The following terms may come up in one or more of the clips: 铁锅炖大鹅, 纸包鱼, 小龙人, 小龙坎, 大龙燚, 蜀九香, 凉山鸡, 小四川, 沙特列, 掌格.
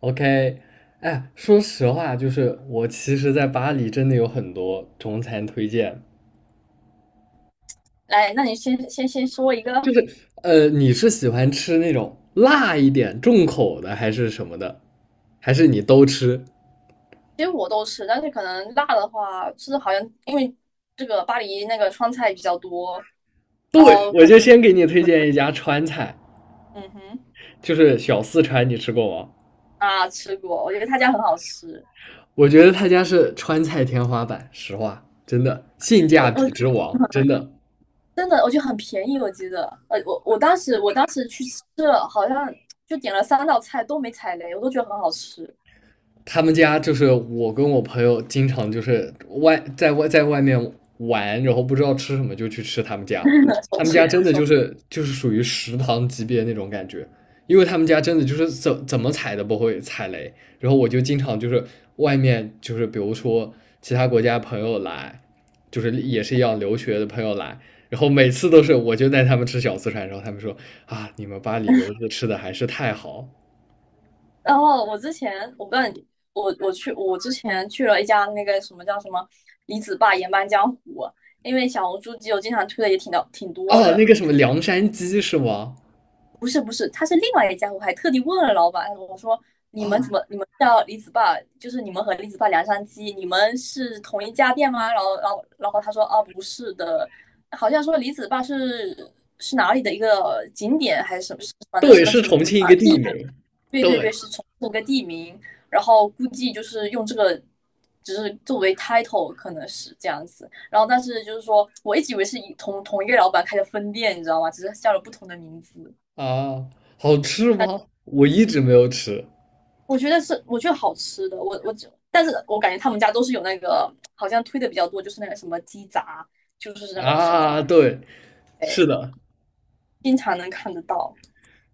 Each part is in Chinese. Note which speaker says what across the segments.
Speaker 1: OK。哎，说实话，就是我其实，在巴黎真的有很多中餐推荐，
Speaker 2: 来，那你先先先说一
Speaker 1: 就
Speaker 2: 个。
Speaker 1: 是你是喜欢吃那种辣一点、重口的，还是什么的，还是你都吃？
Speaker 2: 其实我都吃，但是可能辣的话，就是好像因为这个巴黎那个川菜比较多。然
Speaker 1: 对，
Speaker 2: 后
Speaker 1: 我
Speaker 2: 可
Speaker 1: 就先给你推荐一家川菜，
Speaker 2: 嗯哼。
Speaker 1: 就是小四川，你吃过吗？
Speaker 2: 啊，吃过，我觉得他家很好吃。
Speaker 1: 我觉得他家是川菜天花板，实话，真的性价
Speaker 2: 我
Speaker 1: 比
Speaker 2: 我
Speaker 1: 之王，真的。
Speaker 2: 真的我觉得很便宜。我记得，我当时去吃了，好像就点了三道菜都没踩雷，我都觉得很好吃，
Speaker 1: 他们家就是我跟我朋友经常就是外面玩，然后不知道吃什么就去吃他们家。
Speaker 2: 首
Speaker 1: 他们家真
Speaker 2: 选。
Speaker 1: 的就是属于食堂级别那种感觉，因为他们家真的就是怎么踩都不会踩雷。然后我就经常就是外面就是比如说其他国家朋友来，就是也是一样留学的朋友来，然后每次都是我就带他们吃小四川，然后他们说啊，你们巴黎留子吃的还是太好
Speaker 2: 然后我之前，我不知道你，我之前去了一家那个什么叫什么李子坝盐搬江湖，因为小红书基友经常推的也挺多
Speaker 1: 啊，那
Speaker 2: 的。
Speaker 1: 个什么凉山鸡是吗？
Speaker 2: 不是，不是，他是另外一家。我还特地问了老板，我说，你们
Speaker 1: 啊，
Speaker 2: 怎么你们叫李子坝，就是你们和李子坝梁山鸡，你们是同一家店吗？然后他说，啊，不是的。好像说李子坝是哪里的一个景点还是什么，反正是
Speaker 1: 对，
Speaker 2: 个
Speaker 1: 是
Speaker 2: 什么。
Speaker 1: 重庆一个地名。
Speaker 2: 对对
Speaker 1: 对
Speaker 2: 对，是重复个地名，然后估计就是用这个，只是作为 title 可能是这样子。然后但是就是说，我一直以为是同一个老板开的分店，你知道吗？只是叫了不同的名字。
Speaker 1: 啊，好吃
Speaker 2: 但
Speaker 1: 吗？我一直没有吃
Speaker 2: 我觉得是，我觉得好吃的。我我只，但是我感觉他们家都是有那个，好像推的比较多，就是那个什么鸡杂，就是那个什么，
Speaker 1: 啊。对，
Speaker 2: 哎，
Speaker 1: 是的，
Speaker 2: 经常能看得到。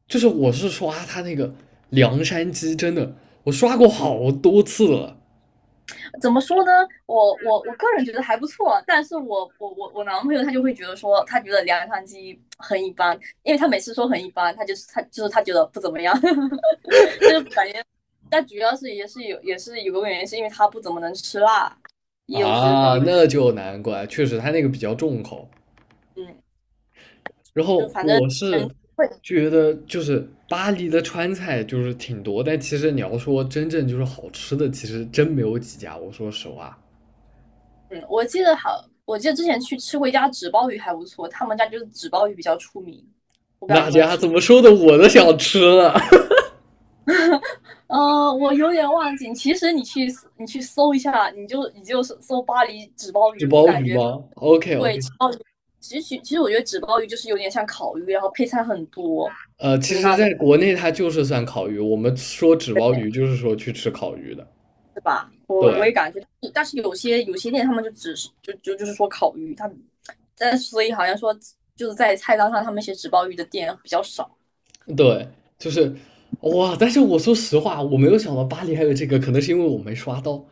Speaker 1: 就是我是刷它那个凉山鸡，真的，我刷过好多次了
Speaker 2: 怎么说呢？我个人觉得还不错，但是我男朋友他就会觉得说，他觉得凉汤鸡很一般。因为他每次说很一般，他就是他觉得不怎么样，感觉。但主要是也是有个原因，是因为他不怎么能吃辣，也有是这个
Speaker 1: 啊。
Speaker 2: 原
Speaker 1: 那就难怪，确实它那个比较重口。
Speaker 2: 因。嗯。
Speaker 1: 然
Speaker 2: 就
Speaker 1: 后
Speaker 2: 反正
Speaker 1: 我是
Speaker 2: 人会。
Speaker 1: 觉得，就是巴黎的川菜就是挺多，但其实你要说真正就是好吃的，其实真没有几家。我说实话，
Speaker 2: 嗯，我记得之前去吃过一家纸包鱼还不错，他们家就是纸包鱼比较出名。我不知道
Speaker 1: 那
Speaker 2: 你们
Speaker 1: 家怎
Speaker 2: 听，
Speaker 1: 么说的，我都想吃了。
Speaker 2: 我有点忘记。其实你去搜一下，你就搜巴黎纸包
Speaker 1: 纸
Speaker 2: 鱼，我
Speaker 1: 包
Speaker 2: 感
Speaker 1: 鱼
Speaker 2: 觉。
Speaker 1: 吗？OK
Speaker 2: 对，
Speaker 1: OK。
Speaker 2: 纸包鱼。其实我觉得纸包鱼就是有点像烤鱼，然后配菜很多
Speaker 1: 其实
Speaker 2: 那种，
Speaker 1: 在国内它就是算烤鱼，我们说纸包鱼就是说去吃烤鱼的，
Speaker 2: 对吧？我
Speaker 1: 对
Speaker 2: 我也感觉。但是有些店他们就只是就是说烤鱼。但所以好像说就是在菜单上他们写纸包鱼的店比较少。
Speaker 1: 对，就是哇！但是我说实话，我没有想到巴黎还有这个，可能是因为我没刷到。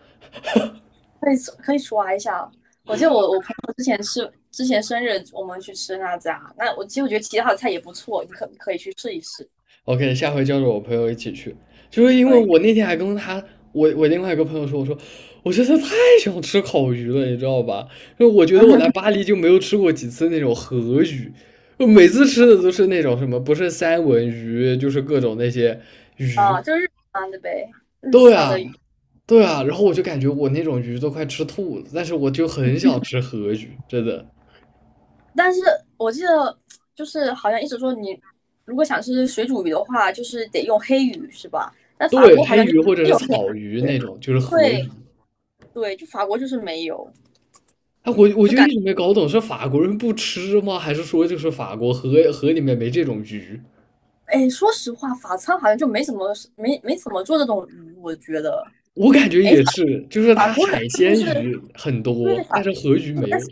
Speaker 2: 可以，可以刷一下啊。我记得我朋友之前生日，我们去吃那家。那我其实我觉得其他的菜也不错，你可以去试一试。
Speaker 1: OK,下回叫着我朋友一起去，就是因为
Speaker 2: 可以。
Speaker 1: 我那天还跟他，我另外一个朋友说，我说我真的太想吃烤鱼了，你知道吧？因为我觉得我来 巴黎就没有吃过几次那种河鱼，我每次吃的都是那种什么，不是三文鱼，就是各种那些鱼。
Speaker 2: 啊，就是日餐的呗，日
Speaker 1: 对
Speaker 2: 餐
Speaker 1: 啊，
Speaker 2: 的鱼。
Speaker 1: 对啊，然后我就感觉我那种鱼都快吃吐了，但是我就很想吃河鱼，真的。
Speaker 2: 但是我记得就是好像一直说，你如果想吃水煮鱼的话，就是得用黑鱼是吧？但法
Speaker 1: 对，
Speaker 2: 国好
Speaker 1: 黑
Speaker 2: 像就
Speaker 1: 鱼或者
Speaker 2: 没
Speaker 1: 是
Speaker 2: 有黑
Speaker 1: 草鱼
Speaker 2: 鱼。
Speaker 1: 那种，就是河鱼。
Speaker 2: 对。对，就法国就是没有。
Speaker 1: 哎，我
Speaker 2: 就
Speaker 1: 就
Speaker 2: 感
Speaker 1: 一直没搞懂，是法国人不吃吗？还是说就是法国河里面没这种鱼？
Speaker 2: 哎，说实话，法餐好像就没怎么做这种鱼，我觉得。
Speaker 1: 我感觉也是，就是
Speaker 2: 法
Speaker 1: 它
Speaker 2: 国人
Speaker 1: 海
Speaker 2: 是不
Speaker 1: 鲜
Speaker 2: 是？
Speaker 1: 鱼很
Speaker 2: 对。
Speaker 1: 多，但是河鱼
Speaker 2: 我
Speaker 1: 没
Speaker 2: 在
Speaker 1: 有。
Speaker 2: 想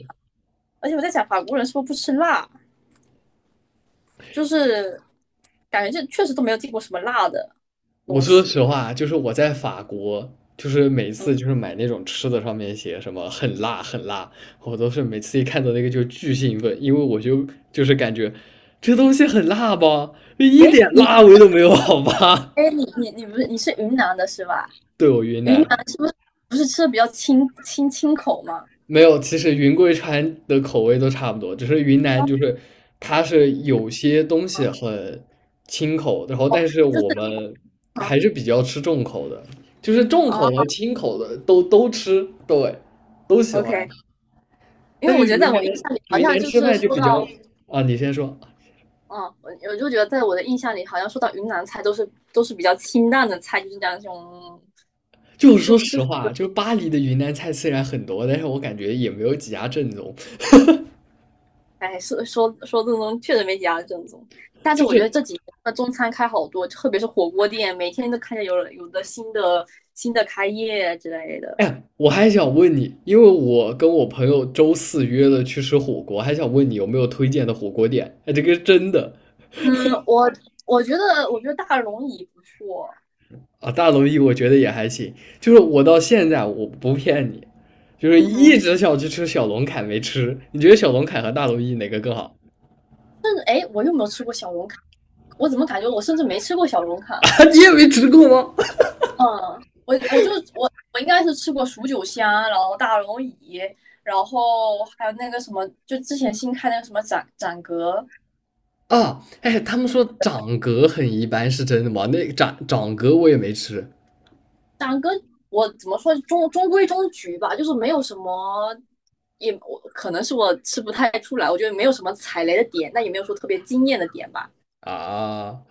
Speaker 2: 而且我在想，法国人是不是不吃辣？就是感觉这确实都没有见过什么辣的
Speaker 1: 我
Speaker 2: 东
Speaker 1: 说
Speaker 2: 西。
Speaker 1: 实话啊，就是我在法国，就是每次就是买那种吃的，上面写什么很辣很辣，我都是每次一看到那个就巨兴奋，因为我就就是感觉这东西很辣吧，一
Speaker 2: 诶，
Speaker 1: 点
Speaker 2: 你。
Speaker 1: 辣味都没有，好吧？
Speaker 2: 诶，你你你不是你是云南的是吧？
Speaker 1: 对我云
Speaker 2: 云
Speaker 1: 南。
Speaker 2: 南是不是吃的比较清口吗？
Speaker 1: 没有，其实云贵川的口味都差不多，只是云南
Speaker 2: 哦。
Speaker 1: 就是它是有些东西
Speaker 2: 哦，
Speaker 1: 很清口，然后但是
Speaker 2: 就
Speaker 1: 我
Speaker 2: 是。
Speaker 1: 们还是比较吃重口的，就是重
Speaker 2: 哦
Speaker 1: 口和清口的都吃，对，都喜欢。
Speaker 2: ，OK。因为
Speaker 1: 但是
Speaker 2: 我觉得
Speaker 1: 云
Speaker 2: 在
Speaker 1: 南
Speaker 2: 我印象里好
Speaker 1: 云
Speaker 2: 像
Speaker 1: 南
Speaker 2: 就
Speaker 1: 吃
Speaker 2: 是
Speaker 1: 饭就
Speaker 2: 说
Speaker 1: 比较
Speaker 2: 到。
Speaker 1: 啊，你先说。
Speaker 2: 嗯，我就觉得在我的印象里好像说到云南菜都是比较清淡的菜，就是讲那种。
Speaker 1: 就是说
Speaker 2: 就就
Speaker 1: 实话，就是巴黎的云南菜虽然很多，但是我感觉也没有几家正宗。
Speaker 2: 哎，说正宗，确实没几家正宗。但是
Speaker 1: 就
Speaker 2: 我觉得
Speaker 1: 是
Speaker 2: 这几年的中餐开好多，特别是火锅店，每天都看见有的新的开业之类的。
Speaker 1: 哎呀我还想问你，因为我跟我朋友周四约了去吃火锅，还想问你有没有推荐的火锅店？哎，这个是真的
Speaker 2: 嗯，我觉得大龙椅不错。
Speaker 1: 啊，大龙燚我觉得也还行，就是我到现在我不骗你，就是
Speaker 2: 嗯
Speaker 1: 一
Speaker 2: 哼。
Speaker 1: 直想去吃小龙坎没吃。你觉得小龙坎和大龙燚哪个更好？
Speaker 2: 甚至哎，诶，我又没有吃过小龙坎？我怎么感觉我甚至没吃过小龙 坎？
Speaker 1: 啊，你也没吃过吗？
Speaker 2: 嗯，我我就我我应该是吃过蜀九香，然后大龙椅，然后还有那个什么，就之前新开那个什么展阁。
Speaker 1: 啊，哎，他们说掌格很一般，是真的吗？那掌格我也没吃
Speaker 2: 长歌。我怎么说中规中矩吧，就是没有什么，也我可能是我吃不太出来，我觉得没有什么踩雷的点，但也没有说特别惊艳的点吧。
Speaker 1: 啊。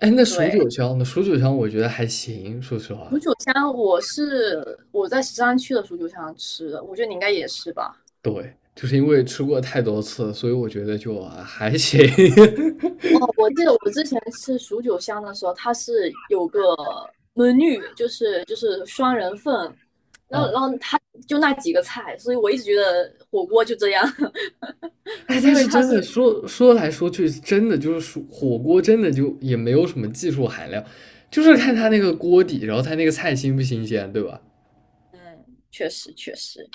Speaker 1: 哎，那蜀九
Speaker 2: 对，
Speaker 1: 香呢？蜀九香我觉得还行，说实
Speaker 2: 蜀
Speaker 1: 话。
Speaker 2: 九香我在石山区的蜀九香吃的，我觉得你应该也是吧。
Speaker 1: 对，就是因为吃过太多次，所以我觉得就啊还行
Speaker 2: 哦，我记得我之前吃蜀九香的时候，它是有个 m e 就是双人份，然后
Speaker 1: 啊，
Speaker 2: 然后它就那几个菜，所以我一直觉得火锅就这样。
Speaker 1: 哎，但
Speaker 2: 因为
Speaker 1: 是
Speaker 2: 它
Speaker 1: 真的
Speaker 2: 是
Speaker 1: 说说来说去，真的就是说火锅，真的就也没有什么技术含量，就是
Speaker 2: 嗯
Speaker 1: 看它
Speaker 2: 哼。
Speaker 1: 那个锅底，然后它那个菜新不新鲜，对吧？
Speaker 2: 嗯，确实确实。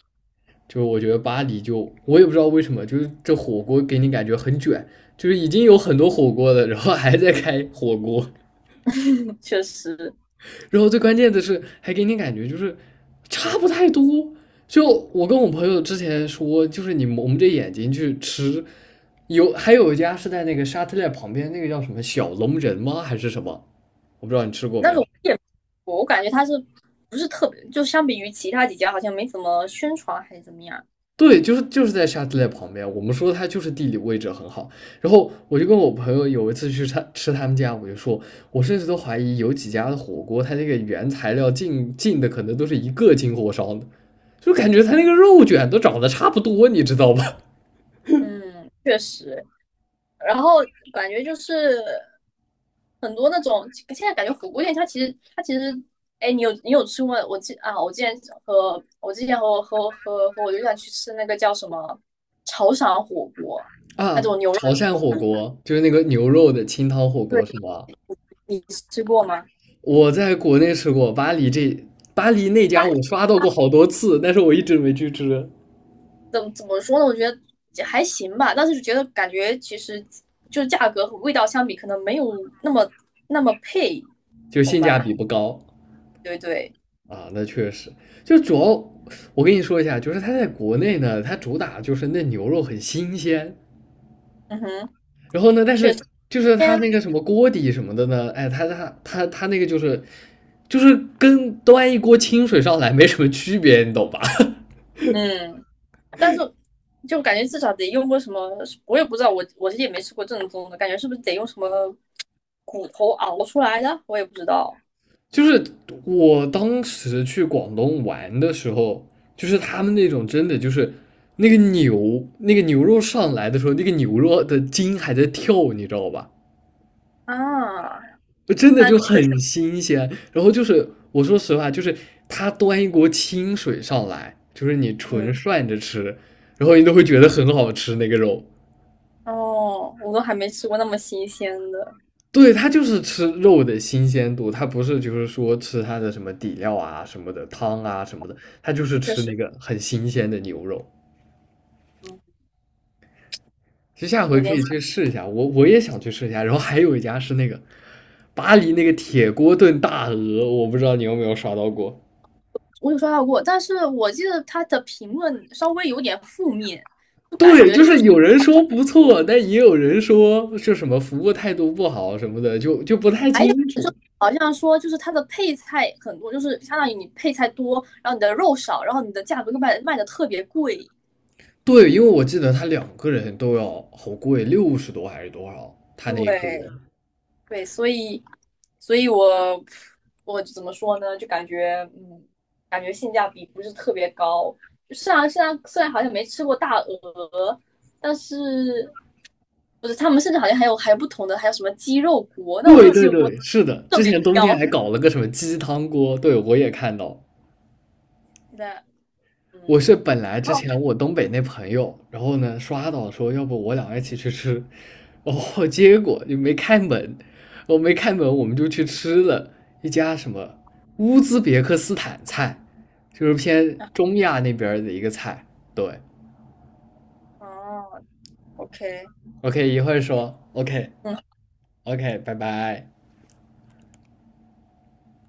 Speaker 1: 就是我觉得巴黎就我也不知道为什么，就是这火锅给你感觉很卷，就是已经有很多火锅了，然后还在开火锅。
Speaker 2: 确实。
Speaker 1: 然后最关键的是，还给你感觉就是差不太多。就我跟我朋友之前说，就是你蒙着眼睛去吃，有还有一家是在那个沙特列旁边，那个叫什么小龙人吗？还是什么？我不知道你吃过没
Speaker 2: 那
Speaker 1: 有。
Speaker 2: 个我也我感觉它是不是特别，就相比于其他几家好像没怎么宣传还是怎么样。
Speaker 1: 对，就是在沙特列旁边，我们说它就是地理位置很好。然后我就跟我朋友有一次去他吃他们家，我就说，我甚至都怀疑有几家的火锅，它这个原材料进的可能都是一个进火烧的，就感觉他那个肉卷都长得差不多，你知道吧？
Speaker 2: 嗯，确实。然后感觉就是很多那种，现在感觉火锅店它其实。哎，你有吃过？我记啊，我之前和和我对象去吃那个叫什么潮汕火锅，那
Speaker 1: 啊，
Speaker 2: 种牛肉
Speaker 1: 潮汕
Speaker 2: 火
Speaker 1: 火
Speaker 2: 锅。
Speaker 1: 锅就是那个牛肉的清汤火锅是
Speaker 2: 对，
Speaker 1: 吗？
Speaker 2: 你吃过吗？
Speaker 1: 我在国内吃过，巴黎那家我刷到过好多次，但是我一直没去吃，
Speaker 2: 怎么说呢？我觉得还行吧，但是觉得感觉其实就是价格和味道相比，可能没有那么配，
Speaker 1: 就
Speaker 2: 懂
Speaker 1: 性价
Speaker 2: 吧？
Speaker 1: 比不高
Speaker 2: 对，对。
Speaker 1: 啊。那确实，就主要我跟你说一下，就是它在国内呢，它主打就是那牛肉很新鲜，
Speaker 2: 嗯哼。
Speaker 1: 然后呢，但是就是他
Speaker 2: 嗯
Speaker 1: 那个什么锅底什么的呢，哎，他那个就是跟端一锅清水上来没什么区别，你懂吧？
Speaker 2: 嗯。但是就感觉至少得用过什么，我也不知道，我其实也没吃过正宗的，感觉是不是得用什么骨头熬出来的？我也不知道
Speaker 1: 就是我当时去广东玩的时候，就是他们那种真的就是那个牛肉上来的时候，那个牛肉的筋还在跳，你知道吧？
Speaker 2: 啊。
Speaker 1: 真的
Speaker 2: 那
Speaker 1: 就
Speaker 2: 确实。
Speaker 1: 很新鲜。然后就是我说实话，就是他端一锅清水上来，就是你
Speaker 2: 嗯。
Speaker 1: 纯涮着吃，然后你都会觉得很好吃那个肉。
Speaker 2: 哦，我都还没吃过那么新鲜的，
Speaker 1: 对，他就是吃肉的新鲜度，他不是就是说吃它的什么底料啊、什么的汤啊什么的，他就是
Speaker 2: 确
Speaker 1: 吃
Speaker 2: 实。
Speaker 1: 那个很新鲜的牛肉。
Speaker 2: 嗯。
Speaker 1: 其实下回
Speaker 2: 有
Speaker 1: 可
Speaker 2: 点。
Speaker 1: 以
Speaker 2: 想。
Speaker 1: 去试一下，我也想去试一下。然后还有一家是那个巴黎那个铁锅炖大鹅，我不知道你有没有刷到过。
Speaker 2: 我有刷到过，但是我记得他的评论稍微有点负面，就感
Speaker 1: 对，
Speaker 2: 觉
Speaker 1: 就
Speaker 2: 就
Speaker 1: 是
Speaker 2: 是。
Speaker 1: 有人说不错，但也有人说就什么服务态度不好什么的，就不太
Speaker 2: 还有
Speaker 1: 清
Speaker 2: 就
Speaker 1: 楚。
Speaker 2: 好像说就是他的配菜很多，就是相当于你配菜多，然后你的肉少，然后你的价格就卖的特别贵。
Speaker 1: 对，因为我记得他两个人都要好贵，60多还是多少？他那一锅。
Speaker 2: 对。对，所以。所以我怎么说呢？就感觉，嗯，感觉性价比不是特别高。就虽然好像没吃过大鹅，但是不是他们甚至好像还有不同的，还有什么鸡肉锅？那我觉
Speaker 1: 对
Speaker 2: 得鸡
Speaker 1: 对
Speaker 2: 肉锅
Speaker 1: 对，是的，
Speaker 2: 更
Speaker 1: 之
Speaker 2: 没必
Speaker 1: 前冬
Speaker 2: 要。
Speaker 1: 天还 搞了个什么鸡汤锅，对，我也看到。
Speaker 2: 那，嗯。
Speaker 1: 我是本来之
Speaker 2: 哦
Speaker 1: 前我东北那朋友，然后呢刷到说要不我俩一起去吃，然后结果就没开门，我没开门我们就去吃了一家什么乌兹别克斯坦菜，就是偏中亚那边儿的一个菜。对
Speaker 2: 哦，OK。
Speaker 1: ，OK,一会儿说OK，OK，
Speaker 2: 嗯。
Speaker 1: 拜拜。